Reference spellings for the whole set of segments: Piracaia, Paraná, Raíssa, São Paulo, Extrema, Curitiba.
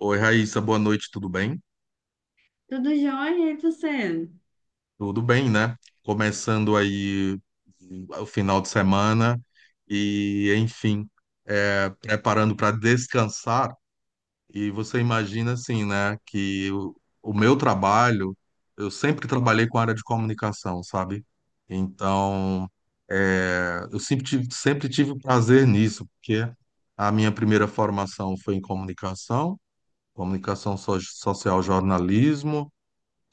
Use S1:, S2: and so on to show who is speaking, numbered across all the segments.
S1: Oi, Raíssa, boa noite, tudo bem?
S2: Tudo jóia, e você?
S1: Tudo bem, né? Começando aí o final de semana e, enfim, preparando para descansar. E você imagina, assim, né, que o meu trabalho, eu sempre trabalhei com a área de comunicação, sabe? Então, eu sempre tive prazer nisso, porque a minha primeira formação foi em comunicação social, jornalismo.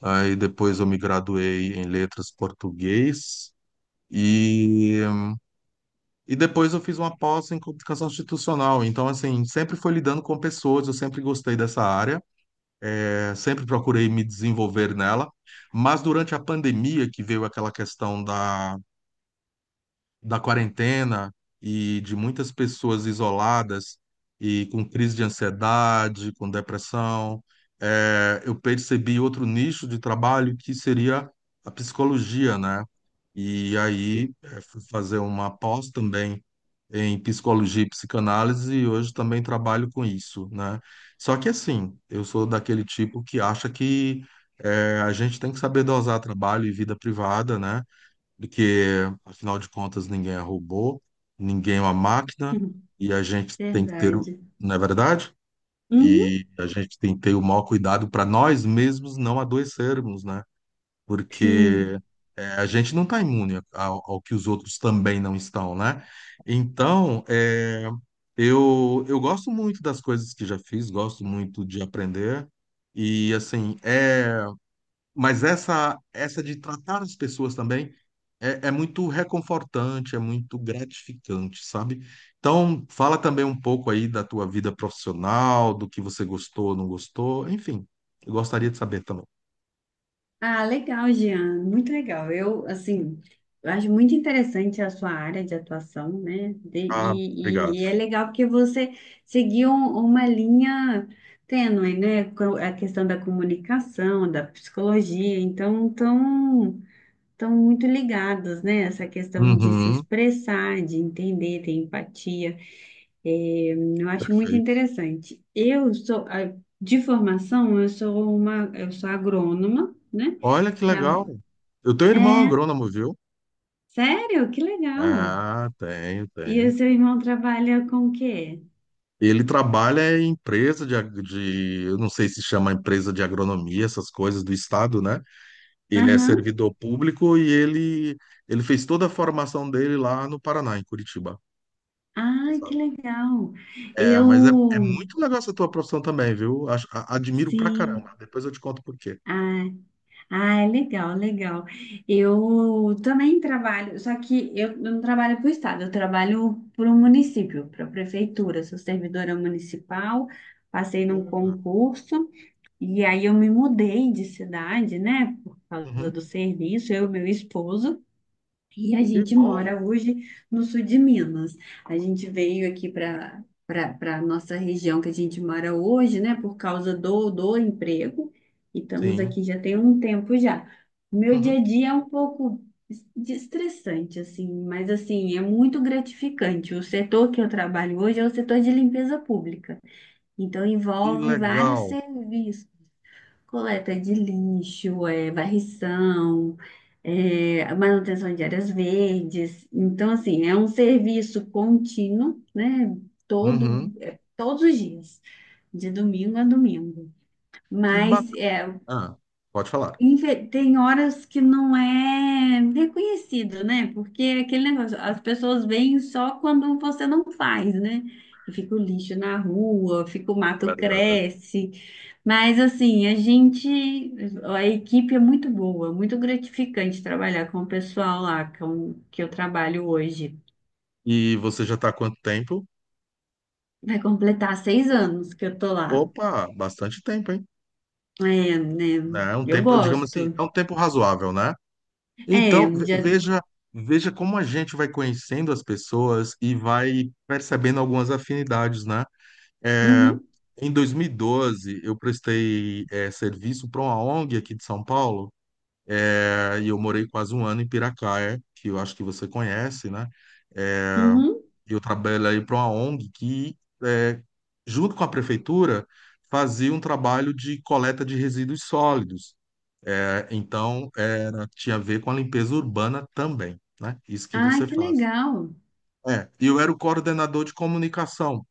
S1: Aí depois eu me graduei em letras português e, e depois eu fiz uma pós em comunicação institucional. Então, assim, sempre fui lidando com pessoas, eu sempre gostei dessa área, sempre procurei me desenvolver nela. Mas durante a pandemia, que veio aquela questão da quarentena e de muitas pessoas isoladas e com crise de ansiedade, com depressão, eu percebi outro nicho de trabalho que seria a psicologia, né? E aí fui fazer uma pós também em psicologia e psicanálise e hoje também trabalho com isso, né? Só que assim, eu sou daquele tipo que acha que a gente tem que saber dosar trabalho e vida privada, né? Porque, afinal de contas, ninguém é robô, ninguém é uma máquina, e a gente tem que ter,
S2: Verdade.
S1: não é verdade?
S2: Uhum,
S1: E a gente tem que ter o maior cuidado para nós mesmos não adoecermos, né? Porque
S2: sim.
S1: a gente não está imune ao que os outros também não estão, né? Então, eu gosto muito das coisas que já fiz, gosto muito de aprender, e assim, é. Mas essa de tratar as pessoas também é muito reconfortante, é muito gratificante, sabe? Então, fala também um pouco aí da tua vida profissional, do que você gostou, não gostou, enfim, eu gostaria de saber também.
S2: Ah, legal, Jean. Muito legal. Eu, assim, eu acho muito interessante a sua área de atuação, né? De-
S1: Ah, obrigado.
S2: e, e- e é legal porque você seguiu uma linha tênue, né? Com a questão da comunicação, da psicologia. Então, tão muito ligados, né? Essa questão de se
S1: Uhum,
S2: expressar, de entender, ter empatia. É, eu acho muito
S1: perfeito.
S2: interessante. De formação, eu sou agrônoma, né?
S1: Olha que
S2: Tra-
S1: legal. Eu tenho um irmão
S2: É,
S1: agrônomo, viu?
S2: sério? Que legal.
S1: Ah, tenho,
S2: E
S1: tenho.
S2: o seu irmão trabalha com o quê?
S1: Ele trabalha em empresa de, eu não sei se chama empresa de agronomia, essas coisas do estado, né? Ele é
S2: Aham.
S1: servidor público e ele fez toda a formação dele lá no Paraná, em Curitiba. Tu
S2: Ah, que
S1: sabe?
S2: legal.
S1: É, mas é, é
S2: Eu,
S1: muito legal essa tua profissão também, viu? Admiro pra caramba.
S2: sim.
S1: Depois eu te conto por quê.
S2: Ah, legal, legal. Eu também trabalho, só que eu não trabalho para o estado, eu trabalho para o município, para a prefeitura. Sou servidora municipal, passei num
S1: Bacana.
S2: concurso e aí eu me mudei de cidade, né, por causa
S1: Uhum.
S2: do serviço, eu e meu esposo. E a
S1: Que
S2: gente
S1: bom.
S2: mora hoje no sul de Minas. A gente veio aqui para a nossa região que a gente mora hoje, né, por causa do emprego. E estamos
S1: Sim.
S2: aqui já tem um tempo já. Meu
S1: Uhum.
S2: dia a dia é um pouco estressante, assim, mas assim, é muito gratificante. O setor que eu trabalho hoje é o setor de limpeza pública. Então
S1: Que
S2: envolve vários
S1: legal.
S2: serviços, coleta de lixo, é, varrição, é, manutenção de áreas verdes. Então, assim, é um serviço contínuo, né?
S1: Uhum.
S2: Todos os dias, de domingo a domingo.
S1: Que
S2: Mas
S1: bacana.
S2: é,
S1: Ah, pode falar.
S2: tem horas que não é reconhecido, né? Porque é aquele negócio, as pessoas veem só quando você não faz, né? E fica o lixo na rua, fica o mato
S1: Verdade.
S2: cresce. Mas assim, a equipe é muito boa, muito gratificante trabalhar com o pessoal lá que eu trabalho hoje.
S1: E você já está há quanto tempo?
S2: Vai completar 6 anos que eu tô lá.
S1: Opa, bastante tempo, hein?
S2: É, né?
S1: Né? É um
S2: Eu
S1: tempo, digamos assim,
S2: gosto.
S1: é um tempo razoável, né? Então,
S2: É, já.
S1: veja, veja como a gente vai conhecendo as pessoas e vai percebendo algumas afinidades, né? É,
S2: Uhum,
S1: em 2012, eu prestei serviço para uma ONG aqui de São Paulo, é, e eu morei quase um ano em Piracaia, que eu acho que você conhece, né? É,
S2: uhum.
S1: eu trabalhei para uma ONG que, é, junto com a prefeitura, fazia um trabalho de coleta de resíduos sólidos. É, então, era, tinha a ver com a limpeza urbana também, né? Isso que
S2: Ah,
S1: você
S2: que
S1: faz.
S2: legal.
S1: É, e eu era o coordenador de comunicação.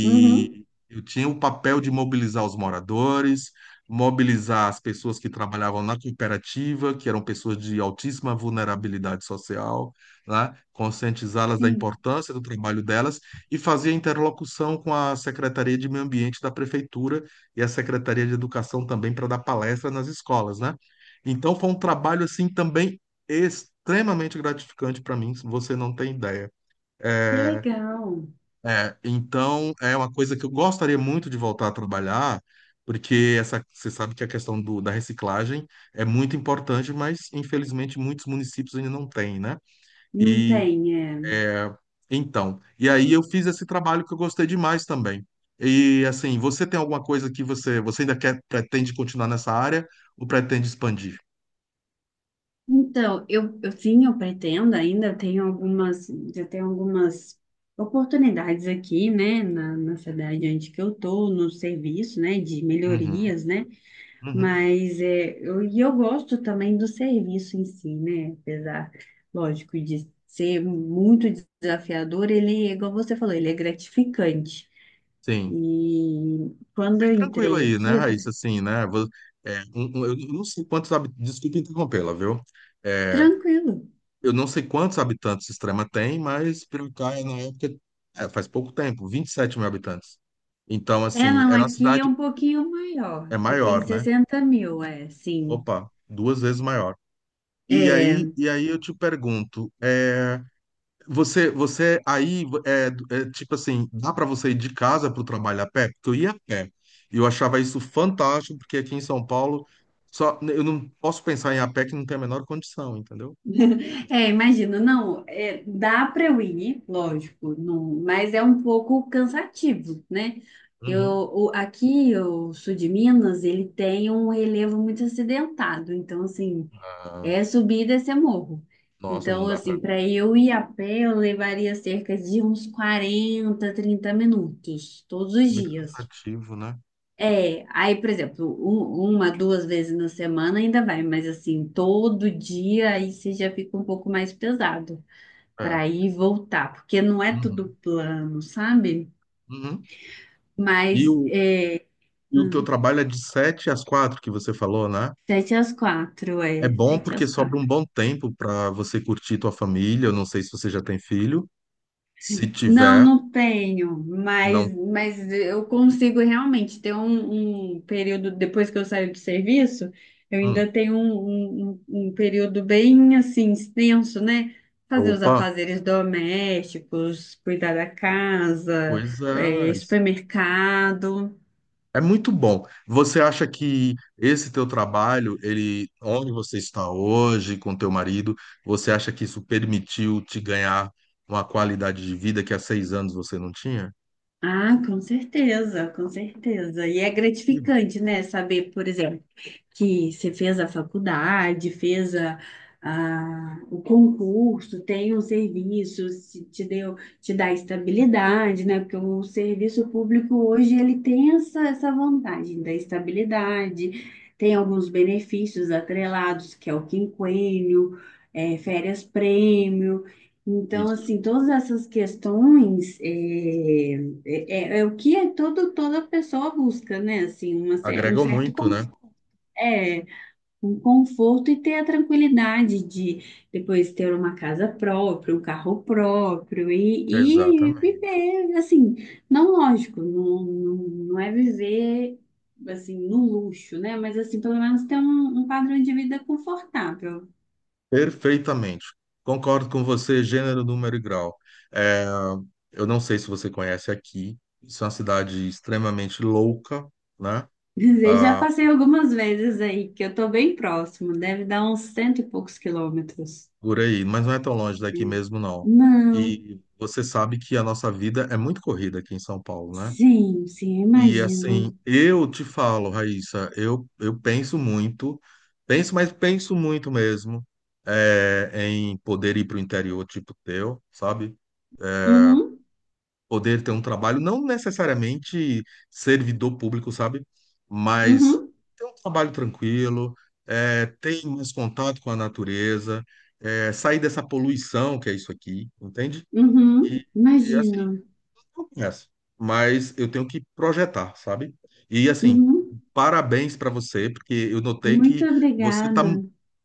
S2: Uhum.
S1: eu tinha o papel de mobilizar os moradores, mobilizar as pessoas que trabalhavam na cooperativa, que eram pessoas de altíssima vulnerabilidade social, né? Conscientizá-las da
S2: Sim,
S1: importância do trabalho delas e fazer interlocução com a Secretaria de Meio Ambiente da Prefeitura e a Secretaria de Educação também para dar palestra nas escolas, né? Então foi um trabalho assim também extremamente gratificante para mim, você não tem ideia.
S2: que legal.
S1: É, então é uma coisa que eu gostaria muito de voltar a trabalhar, porque essa, você sabe que a questão do, da reciclagem é muito importante, mas infelizmente muitos municípios ainda não têm, né?
S2: Não
S1: E
S2: tem, é.
S1: é, então, e aí eu fiz esse trabalho que eu gostei demais também. E assim, você tem alguma coisa que você ainda quer, pretende continuar nessa área ou pretende expandir?
S2: Então, eu sim, eu pretendo ainda, já tenho algumas oportunidades aqui, né, na, cidade onde que eu tô, no serviço, né, de
S1: Uhum,
S2: melhorias, né,
S1: uhum,
S2: mas é, e eu gosto também do serviço em si, né, apesar, lógico, de ser muito desafiador, ele, é igual você falou, ele é gratificante.
S1: sim.
S2: E quando eu
S1: Tranquilo
S2: entrei
S1: aí, né,
S2: aqui,
S1: Raíssa? Assim, né? Eu não sei quantos habitantes. Desculpa interrompê-la, viu? É,
S2: tranquilo.
S1: eu não sei quantos habitantes Extrema tem, mas Piracaia, na época, é, faz pouco tempo, 27 mil habitantes. Então,
S2: É,
S1: assim,
S2: não,
S1: era uma
S2: aqui é
S1: cidade
S2: um pouquinho maior.
S1: é
S2: Aqui tem
S1: maior, né?
S2: 60 mil, é, sim.
S1: Opa, duas vezes maior. E aí,
S2: É,
S1: e aí eu te pergunto, Você aí tipo assim, dá para você ir de casa para o trabalho a pé? Porque eu ia a pé. E eu achava isso fantástico, porque aqui em São Paulo só eu não posso pensar em ir a pé que não tem a menor condição, entendeu?
S2: é, imagino, não, é, dá para eu ir, lógico, não, mas é um pouco cansativo, né? Eu,
S1: Uhum.
S2: aqui, o sul de Minas, ele tem um relevo muito acidentado, então, assim,
S1: Ah,
S2: é subir e descer morro.
S1: nossa, não
S2: Então,
S1: dá para
S2: assim, para eu ir a pé, eu levaria cerca de uns 40, 30 minutos, todos os
S1: muito
S2: dias.
S1: cansativo, né?
S2: É, aí, por exemplo, uma, duas vezes na semana ainda vai, mas assim, todo dia aí você já fica um pouco mais pesado
S1: É.
S2: para ir e voltar, porque não é tudo
S1: Uhum.
S2: plano, sabe?
S1: Uhum. E
S2: Mas
S1: o, e o teu
S2: hum,
S1: trabalho é de 7 às 4 que você falou, né?
S2: sete às quatro,
S1: É
S2: é,
S1: bom
S2: sete
S1: porque
S2: às
S1: sobra um
S2: quatro.
S1: bom tempo para você curtir tua família. Eu não sei se você já tem filho. Se
S2: Não,
S1: tiver,
S2: não tenho,
S1: não.
S2: mas, eu consigo realmente ter um período, depois que eu saio do serviço, eu
S1: Hum.
S2: ainda tenho um período bem assim extenso, né? Fazer os
S1: Opa,
S2: afazeres domésticos, cuidar da casa,
S1: pois é.
S2: supermercado.
S1: É muito bom. Você acha que esse teu trabalho, ele, onde você está hoje com teu marido, você acha que isso permitiu te ganhar uma qualidade de vida que há 6 anos você não tinha?
S2: Ah, com certeza, com certeza. E é
S1: Que bom.
S2: gratificante, né? Saber, por exemplo, que você fez a faculdade, fez o concurso, tem um serviço, se te deu, te dá estabilidade, né? Porque o serviço público hoje ele tem essa vantagem da estabilidade, tem alguns benefícios atrelados, que é o quinquênio, é, férias prêmio. Então,
S1: Isso.
S2: assim, todas essas questões é o que é toda pessoa busca, né? Assim, um
S1: Agregou
S2: certo
S1: muito, né?
S2: conforto e ter a tranquilidade de depois ter uma casa própria, um carro próprio e
S1: Exatamente.
S2: viver, assim, não lógico, não, não, não é viver, assim, no luxo, né? Mas, assim, pelo menos ter um padrão de vida confortável.
S1: Perfeitamente. Concordo com você, gênero, número e grau. É, eu não sei se você conhece aqui, isso é uma cidade extremamente louca, né?
S2: Eu já
S1: Ah,
S2: passei algumas vezes aí, que eu tô bem próximo, deve dar uns cento e poucos quilômetros.
S1: por aí, mas não é tão longe daqui mesmo, não.
S2: Não,
S1: E você sabe que a nossa vida é muito corrida aqui em São Paulo, né?
S2: sim, sim, eu
S1: E
S2: imagino.
S1: assim, eu te falo, Raíssa, eu penso muito, penso, mas penso muito mesmo, é, em poder ir para o interior tipo teu, sabe?
S2: Uhum,
S1: Poder ter um trabalho, não necessariamente servidor público, sabe? Mas
S2: uhum,
S1: ter um trabalho tranquilo, é, ter mais contato com a natureza, é, sair dessa poluição que é isso aqui, entende?
S2: uhum,
S1: E, e assim,
S2: imagino.
S1: eu começo. Mas eu tenho que projetar, sabe? E assim,
S2: Uhum.
S1: parabéns para você, porque eu notei que
S2: Muito
S1: você está
S2: obrigada.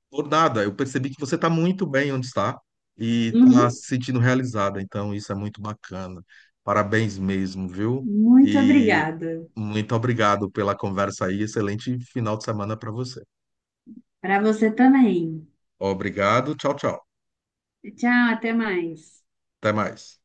S1: por nada, eu percebi que você está muito bem onde está e está
S2: Uhum.
S1: se sentindo realizada, então isso é muito bacana. Parabéns mesmo, viu?
S2: Muito
S1: E
S2: obrigada.
S1: muito obrigado pela conversa aí. Excelente final de semana para você.
S2: Para você também.
S1: Obrigado, tchau, tchau.
S2: Tchau, até mais.
S1: Até mais.